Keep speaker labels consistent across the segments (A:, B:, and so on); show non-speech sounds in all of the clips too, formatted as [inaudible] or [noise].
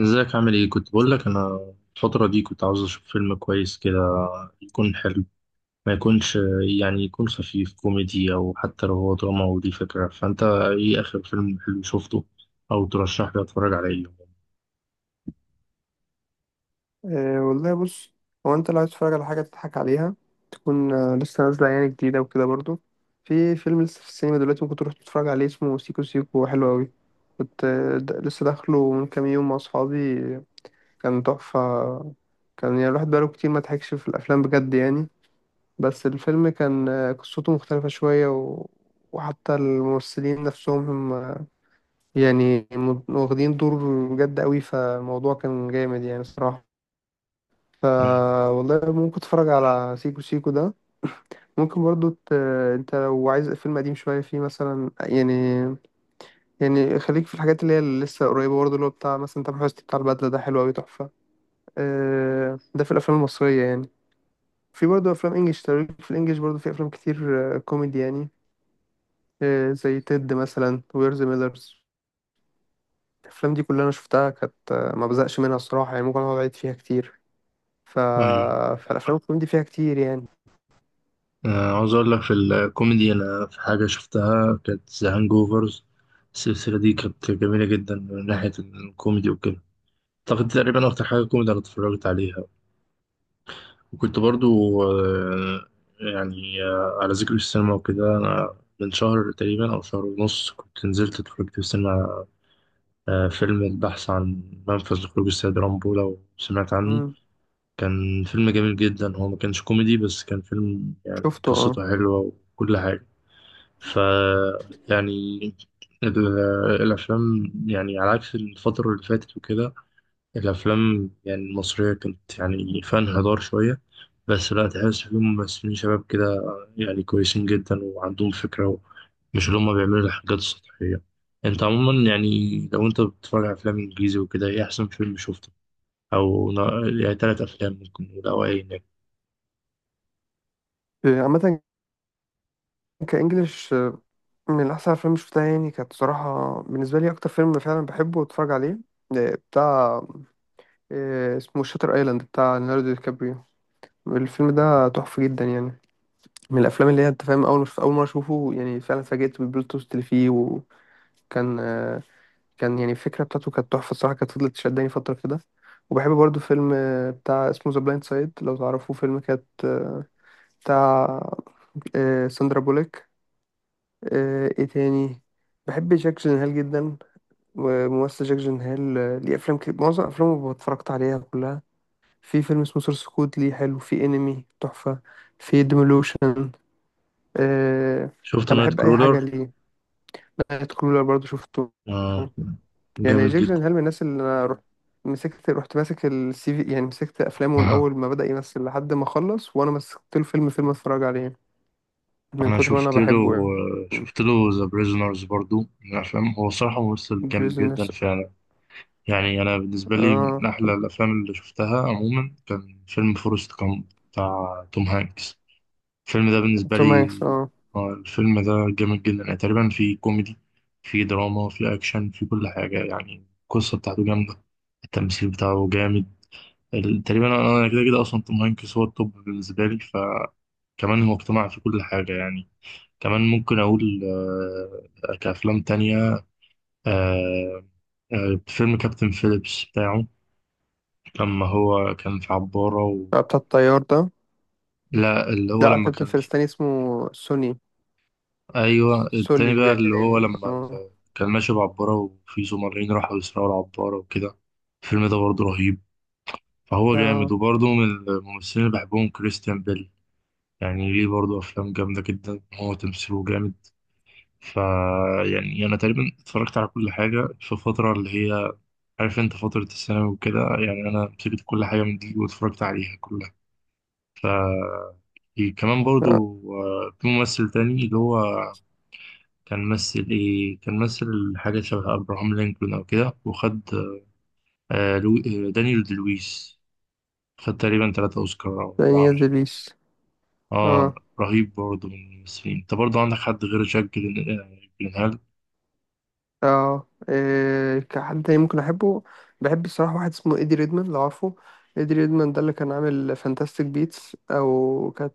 A: ازيك؟ عامل ايه؟ كنت بقول لك انا الفترة دي كنت عاوز اشوف فيلم كويس كده، يكون حلو، ما يكونش، يعني يكون خفيف كوميدي او حتى لو هو دراما، ودي فكرة. فانت ايه اخر فيلم حلو شفته، او ترشح لي اتفرج على ايه؟
B: أه والله بص. هو انت لو عايز تتفرج على حاجة تضحك عليها تكون لسه نازلة يعني جديدة وكده برضو، في فيلم لسه في السينما دلوقتي ممكن تروح تتفرج عليه اسمه سيكو سيكو حلو أوي. كنت لسه داخله من كام يوم مع أصحابي. كان تحفة، كان يعني الواحد بقاله كتير ما ضحكش في الأفلام بجد يعني. بس الفيلم كان قصته مختلفة شوية وحتى الممثلين نفسهم هم يعني واخدين دور بجد أوي، فالموضوع كان جامد يعني صراحة. ف
A: ايوه،
B: والله ممكن تتفرج على سيكو سيكو ده، ممكن برضو انت لو عايز فيلم قديم شوية فيه مثلا يعني خليك في الحاجات اللي هي اللي لسه قريبة برضو، اللي هو بتاع مثلا تامر حسني، بتاع البدلة ده حلو أوي تحفة. ده في الأفلام المصرية يعني. في برضو أفلام إنجلش، تاريخ في الإنجليش برضو في أفلام كتير كوميدي يعني. زي تيد مثلا، وير ذا ميلرز. الأفلام دي كلها أنا شفتها كانت ما بزقش منها الصراحة، يعني ممكن أقعد أعيد فيها كتير. ف...
A: ايوه.
B: فالأفلام الكوميدي فيها كتير يعني.
A: عاوز اقول لك، في الكوميدي انا في حاجة شفتها كانت ذا هانج اوفرز. السلسلة دي كانت جميلة جدا من ناحية الكوميدي وكده. اعتقد تقريبا اكتر حاجة كوميدي انا اتفرجت عليها. وكنت برضو، يعني، على ذكر السينما وكده، أنا من شهر تقريبا أو شهر ونص كنت نزلت اتفرجت في السينما على فيلم البحث عن منفذ لخروج السيد رامبو، لو سمعت عنه.
B: مم.
A: كان فيلم جميل جدا، هو ما كانش كوميدي بس كان فيلم يعني
B: شفته اه.
A: قصته حلوة وكل حاجة. ف، يعني، ال- الأفلام يعني على عكس الفترة اللي فاتت وكده، الأفلام يعني المصرية كنت يعني فيها انحدار شوية، بس لا، تحس فيهم ممثلين شباب كده يعني كويسين جدا وعندهم فكرة، مش اللي هما بيعملوا الحاجات السطحية. أنت عموما يعني، لو أنت بتتفرج على أفلام إنجليزي وكده، إيه أحسن فيلم شفته؟ أو يعني تلات أفلام ممكن نقول، أو أي نجم.
B: عامة كإنجليش، من أحسن الأفلام اللي شفتها يعني كانت صراحة، بالنسبة لي أكتر فيلم فعلا بحبه وأتفرج عليه آه، بتاع آه، اسمه شاتر أيلاند بتاع ليوناردو دي كابريو. الفيلم ده تحفة جدا يعني، من الأفلام اللي هي أنت فاهم، أول أول مرة أشوفه يعني فعلا اتفاجئت بالبلوت تويست اللي فيه. وكان آه، كان يعني الفكرة بتاعته كانت تحفة الصراحة، كانت فضلت تشدني فترة كده. وبحب برضو فيلم بتاع اسمه ذا بلايند سايد لو تعرفوه، فيلم كانت آه، بتاع آه، ساندرا بوليك. ايه تاني. بحب جاك جينهال جدا، وممثل جاك جينهال ليه افلام كتير، معظم افلامه اتفرجت عليها كلها. في فيلم اسمه سورس كود ليه حلو، في انمي تحفة، في ديمولوشن. أه.
A: شفت
B: انا
A: نايت
B: بحب اي
A: كرولر؟
B: حاجة ليه. نايت كرولر برضو شفته.
A: آه،
B: يعني
A: جامد
B: جاك
A: جدا.
B: جينهال من الناس اللي انا رحت مسكت، رحت ماسك السي في يعني، مسكت افلامه من
A: أها.
B: اول ما بدأ يمثل لحد ما خلص، وانا مسكت له فيلم فيلم اتفرج عليه، من
A: أنا
B: كتر ما انا
A: شفت له،
B: بحبه يعني.
A: شفت له ذا بريزونرز، برضو من الأفلام. هو صراحة ممثل جامد
B: بريزون
A: جدا
B: نفسه.
A: فعلا. يعني أنا بالنسبة لي
B: اه
A: من أحلى الأفلام اللي شفتها عموما كان فيلم فورست كامب بتاع توم هانكس. الفيلم ده بالنسبة
B: توم هانكس
A: لي،
B: اه.
A: الفيلم ده جامد جدا يعني، تقريبا في كوميدي، في دراما، في أكشن، في كل حاجة، يعني القصة بتاعته جامدة، التمثيل بتاعه جامد. تقريبا، أنا كده كده، أصلا توم هانكس هو التوب بالنسبة لي، فكمان هو اقتنع في كل حاجة يعني. كمان ممكن أقول، كأفلام تانية، آه، فيلم كابتن فيليبس بتاعه، لما هو كان في عبارة و
B: بتاع الطيار ده.
A: لا، اللي هو
B: لا
A: لما
B: كابتن
A: كان
B: فارس
A: في
B: تاني اسمه سوني.
A: أيوة،
B: سولي
A: التاني بقى، اللي
B: باين.
A: هو لما
B: اه.
A: ال كان ماشي بعبارة وفي زمرين راحوا يسرقوا العبارة وكده. الفيلم ده برضه رهيب، فهو جامد.
B: اه
A: وبرضه من الممثلين اللي بحبهم كريستيان بيل، يعني ليه برضه أفلام جامدة جدا، هو تمثيله جامد. فا يعني، أنا تقريبا اتفرجت على كل حاجة في فترة اللي هي، عارف أنت، فترة الثانوي وكده، يعني أنا مسكت كل حاجة من دي واتفرجت عليها كلها. ف في كمان
B: اه
A: برضو في ممثل تاني، اللي هو كان مثل، حاجة شبه أبراهام لينكولن أو كده، وخد آه، لو... آه، دانيال دي لويس. خد تقريبا تلاتة أوسكار أو أربعة،
B: دانيال
A: مش فاكر.
B: دلويش.
A: اه،
B: اه.
A: رهيب برضو من الممثلين. انت برضو عندك حد غير جاك جلين... آه، جيلنهال؟
B: اه، إيه كحد تاني ممكن احبه. بحب الصراحة واحد اسمه ايدي ريدمان لو عارفه. ايدي ريدمان ده اللي كان عامل فانتاستيك بيتس او كانت،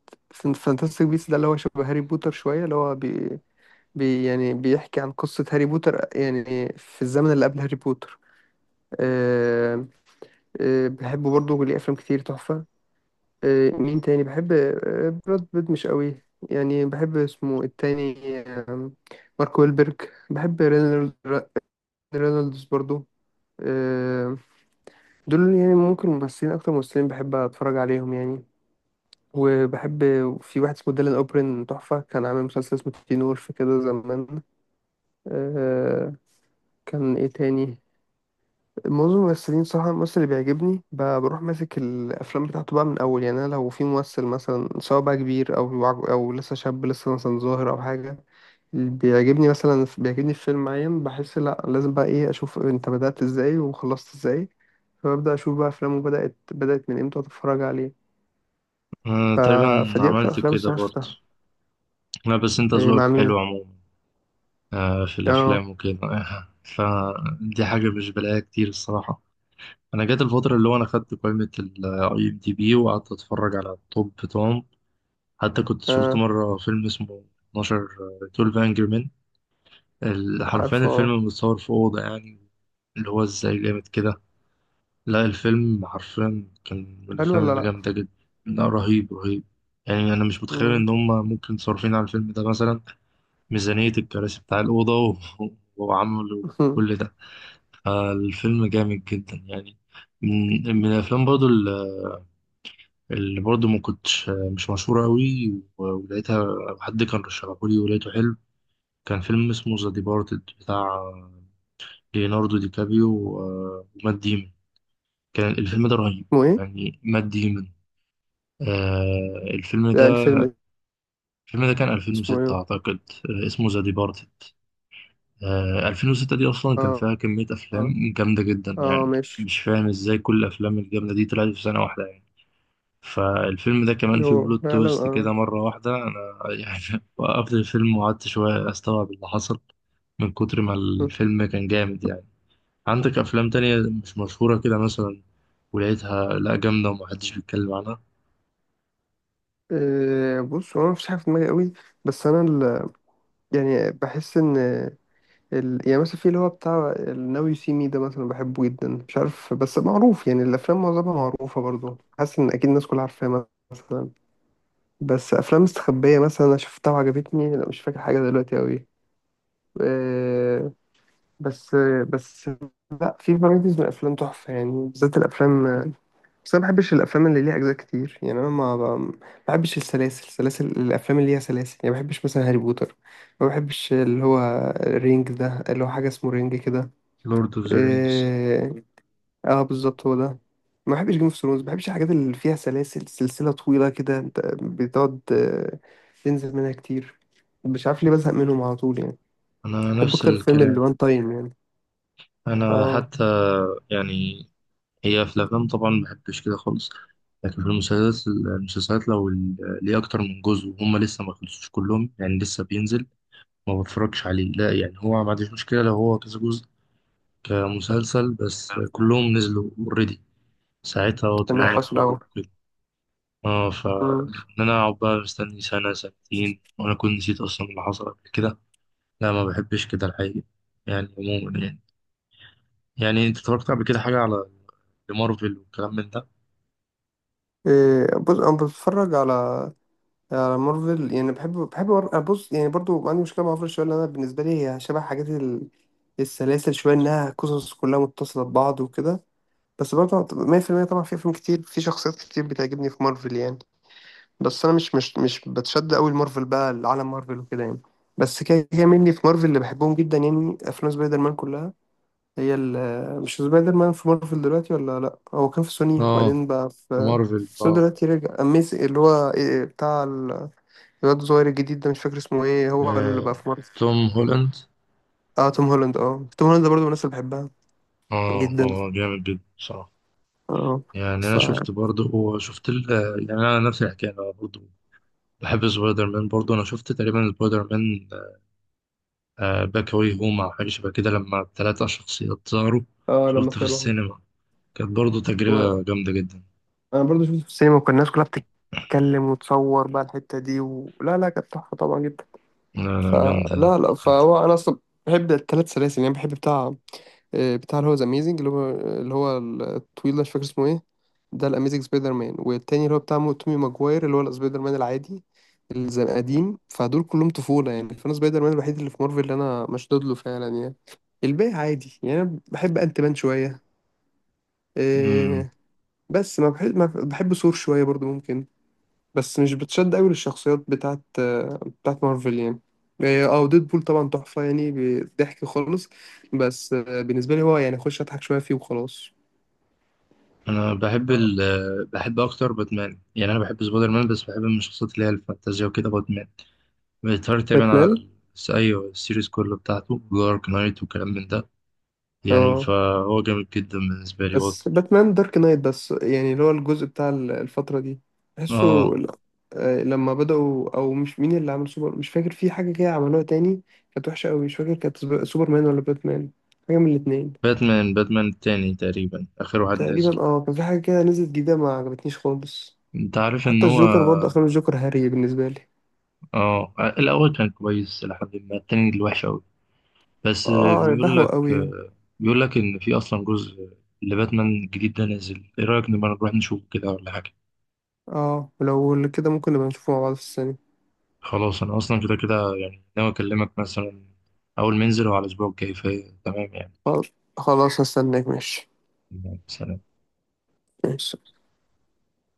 B: فانتاستيك بيتس ده اللي هو شبه هاري بوتر شوية، اللي هو بي يعني بيحكي عن قصة هاري بوتر، يعني في الزمن اللي قبل هاري بوتر. آه، بحبه برضه، ليه أفلام كتير تحفة. مين تاني بحب، براد بيت مش قوي يعني، بحب اسمه التاني آه، مارك ويلبرج. بحب رينولدز برضو. آه، دول يعني ممكن ممثلين، اكتر ممثلين بحب اتفرج عليهم يعني. وبحب في واحد اسمه ديلان اوبرين تحفة، كان عامل مسلسل اسمه تين وولف كده زمان. آه، كان ايه تاني. معظم الممثلين صراحة الممثل اللي بيعجبني بروح ماسك الأفلام بتاعته بقى من أول، يعني أنا لو في ممثل مثلا سواء بقى كبير أو لسه شاب لسه مثلا ظاهر أو حاجة، اللي بيعجبني مثلا بيعجبني في فيلم معين بحس لأ لازم بقى إيه أشوف أنت بدأت إزاي وخلصت إزاي، فببدأ أشوف بقى أفلامه بدأت من إمتى وأتفرج عليه. ف...
A: تقريبا
B: فدي أكتر
A: عملت
B: أفلام
A: كده
B: الصراحة
A: برضو.
B: شفتها.
A: لا بس انت
B: إيه مع
A: ذوقك حلو
B: مين؟
A: عموما في
B: آه
A: الأفلام وكده [laughs] فدي حاجة مش بلاقيها كتير الصراحة. انا جات الفتره اللي هو انا خدت قائمه الاي ام دي بي وقعدت اتفرج على التوب بتوعهم. حتى كنت شفت
B: آه.
A: مره فيلم اسمه 12. 12 انجري مان. حرفيا
B: عارفه آه.
A: الفيلم متصور في اوضه، يعني اللي هو ازاي جامد كده؟ لا، الفيلم حرفيا كان من
B: حلو
A: الافلام
B: ولا
A: اللي
B: لأ؟
A: جامده جدا. لا، رهيب، رهيب. يعني انا مش متخيل
B: مم.
A: ان هم ممكن صارفين على الفيلم ده مثلا ميزانيه الكراسي بتاع الاوضه و [laughs] وعملوا كل
B: [laughs]
A: ده. الفيلم جامد جدا يعني. من الافلام برضو اللي برضه ما كنتش مش مشهورة أوي ولقيتها، حد كان رشحهولي ولقيته حلو، كان فيلم اسمه ذا ديبارتد، بتاع ليوناردو دي كابريو ومات ديمون. كان الفيلم ده رهيب،
B: اسمه إيه؟
A: يعني مات ديمون. آه، الفيلم ده،
B: لا الفيلم.
A: الفيلم ده كان
B: اسمه
A: 2006
B: إيه؟
A: أعتقد. آه، اسمه ذا ديبارتد. آه، 2006 دي أصلا كان
B: آه.
A: فيها كمية
B: آه.
A: أفلام جامدة جدا،
B: اه
A: يعني
B: ماشي.
A: مش فاهم إزاي كل الأفلام الجامدة دي طلعت في سنة واحدة. فالفيلم ده كمان فيه
B: هو
A: بلوت
B: فعلا
A: تويست كده
B: اه.
A: مرة واحدة، أنا يعني [laughs] وقفت الفيلم وقعدت شوية أستوعب اللي حصل، من كتر ما
B: م.
A: الفيلم كان جامد يعني. عندك أفلام تانية مش مشهورة كده مثلا، ولقيتها لأ جامدة ومحدش بيتكلم عنها؟
B: بص هو أنا مفيش حاجة في دماغي قوي. بس أنا يعني بحس إن يعني مثلا في اللي هو بتاع الناو يو سي مي ده مثلا بحبه جدا، مش عارف بس معروف، يعني الأفلام معظمها معروفة برضو، حاسس إن أكيد الناس كلها عارفاها مثلا. بس أفلام مستخبية مثلا أنا شفتها وعجبتني، لا مش فاكر حاجة دلوقتي قوي. آه، بس بس لا، في فرايتيز من الأفلام تحفة يعني، بالذات الأفلام. بس انا ما بحبش الافلام اللي ليها اجزاء كتير، يعني انا ما بحبش السلاسل، سلاسل الافلام اللي ليها سلاسل، يعني ما بحبش مثلا هاري بوتر، ما بحبش اللي هو رينج ده، اللي هو حاجه اسمه رينج كده.
A: لورد أوف ذا رينجز.
B: إيه... اه بالظبط هو ده. ما بحبش جيم اوف ثرونز، ما بحبش الحاجات اللي فيها سلاسل سلسله طويله كده، انت بتقعد تنزل منها كتير، مش عارف ليه بزهق منهم على طول يعني.
A: أنا
B: بحب
A: نفس
B: اكتر الفيلم اللي
A: الكلام.
B: وان تايم يعني.
A: أنا
B: اه
A: حتى، يعني، هي في الأفلام طبعا مبحبش كده خالص، لكن في المسلسلات، لو ليه أكتر من جزء وهم لسه ما خلصوش كلهم، يعني لسه بينزل، ما بتفرجش عليه. لا يعني، هو ما عنديش مشكلة لو هو كذا جزء كمسلسل بس كلهم نزلوا اوريدي، ساعتها اه،
B: تمام أيوة.
A: تمام،
B: حصل
A: اتفرج
B: اهو.
A: كده. اه، ف ان
B: مم.
A: انا اقعد بقى مستني سنة سنتين وانا كنت نسيت اصلا اللي حصل قبل كده، لا ما بحبش كده الحقيقة، يعني عموما، يعني. يعني انت اتفرجت قبل كده حاجة على مارفل والكلام من ده؟
B: بص انا بتفرج على على مارفل، يعني بص يعني برضو عندي مشكلة مع مارفل شوية، لأن أنا بالنسبة لي هي شبه حاجات السلاسل شوية، إنها قصص كلها متصلة ببعض وكده. بس برضو 100% طبعا في أفلام كتير، في شخصيات كتير بتعجبني في مارفل يعني. بس أنا مش بتشد أوي لمارفل بقى، لعالم مارفل وكده يعني. بس كده كده مني في مارفل اللي بحبهم جدا يعني أفلام سبايدر مان كلها. هي مش سبايدر مان في مارفل دلوقتي ولا لأ، هو كان في سوني
A: اه،
B: وبعدين بقى في
A: مارفل، اه.
B: سوني، دلوقتي رجع أميز، اللي هو بتاع الواد الصغير الجديد ده، مش فاكر اسمه ايه، هو اللي
A: آه،
B: بقى في مارفل.
A: توم هولاند.
B: اه توم هولاند، اه توم هولاند ده برضه من الناس اللي بحبها
A: اه،
B: جدا.
A: هو جامد جدا بصراحة
B: اه.
A: يعني.
B: ف
A: أنا شفت برضه وشفت ال آه، يعني، أنا نفس الحكاية. أنا برضه بحب سبايدر مان برضه. انا شفت تقريبا سبايدر مان باك واي هوم او حاجه شبه كده، لما الثلاثه شخصيات ظهروا،
B: اه لما
A: شفته في
B: طلعوا.
A: السينما، كانت برضه
B: و...
A: تجربه جامده جدا.
B: انا برضه شفته في السينما، وكان الناس كلها بتتكلم وتصور بقى الحتة دي لا لا، كانت تحفة طبعا جدا.
A: لا لا، جامده
B: فلا لا،
A: جدا.
B: فهو انا اصلا بحب الثلاث سلاسل يعني، بحب بتاع بتاع اللي هو ذا اميزنج، اللي هو الطويل ده مش فاكر اسمه ايه، ده الاميزنج سبايدر مان، والتاني اللي هو بتاع تومي ماجواير اللي هو السبايدر مان العادي اللي زي القديم، فدول كلهم طفولة يعني. فانا سبايدر مان الوحيد اللي في مارفل اللي انا مشدود له فعلا يعني، الباقي عادي يعني. انا بحب انت مان شوية،
A: امم
B: إيه، بس ما بحب ثور شوية برضو ممكن، بس مش بتشد قوي للشخصيات بتاعت مارفل يعني. إيه، اه ديد بول طبعا تحفة يعني، ضحك خالص، بس بالنسبة لي هو يعني اخش اضحك شوية فيه وخلاص.
A: انا بحب بحب اكتر باتمان يعني. انا بحب سبايدر مان بس بحب من الشخصيات اللي هي الفانتازيا وكده باتمان. بيتهيألي تقريبا على
B: باتمان
A: ايوه، السيريز كله بتاعته دارك نايت وكلام من ده، يعني
B: اه.
A: فهو جامد جدا بالنسبه لي هو
B: بس باتمان دارك نايت بس، يعني اللي هو الجزء بتاع الفترة دي بحسه
A: اه.
B: ل- لما بدأوا، أو مش مين اللي عمل سوبر، مش فاكر، في حاجة كده عملوها تاني كانت وحشة أوي، مش فاكر كانت سوبرمان ولا باتمان، حاجة من الاتنين.
A: باتمان، التاني تقريبا اخر واحد نزل.
B: تقريبا اه، كان في حاجة كده نزلت جديدة ما عجبتنيش خالص.
A: انت عارف ان
B: حتى
A: هو،
B: الجوكر برضه، أفلام الجوكر هري بالنسبة لي،
A: اه، الاول كان كويس لحد ما التاني اللي وحش قوي. بس
B: اه
A: بيقول
B: بهوى
A: لك،
B: أوي يعني.
A: ان في اصلا جزء لباتمان جديد ده نازل، ايه رايك نبقى نروح نشوف كده ولا حاجه؟
B: اه ولو كده ممكن نبقى نشوفه مع بعض في السينما.
A: خلاص، انا اصلا كده كده يعني، ناوي اكلمك مثلا اول ما ينزل هو على الاسبوع الجاي، فهي تمام يعني.
B: خلاص خلاص، هستناك ماشي.
A: سلام.
B: ماشي.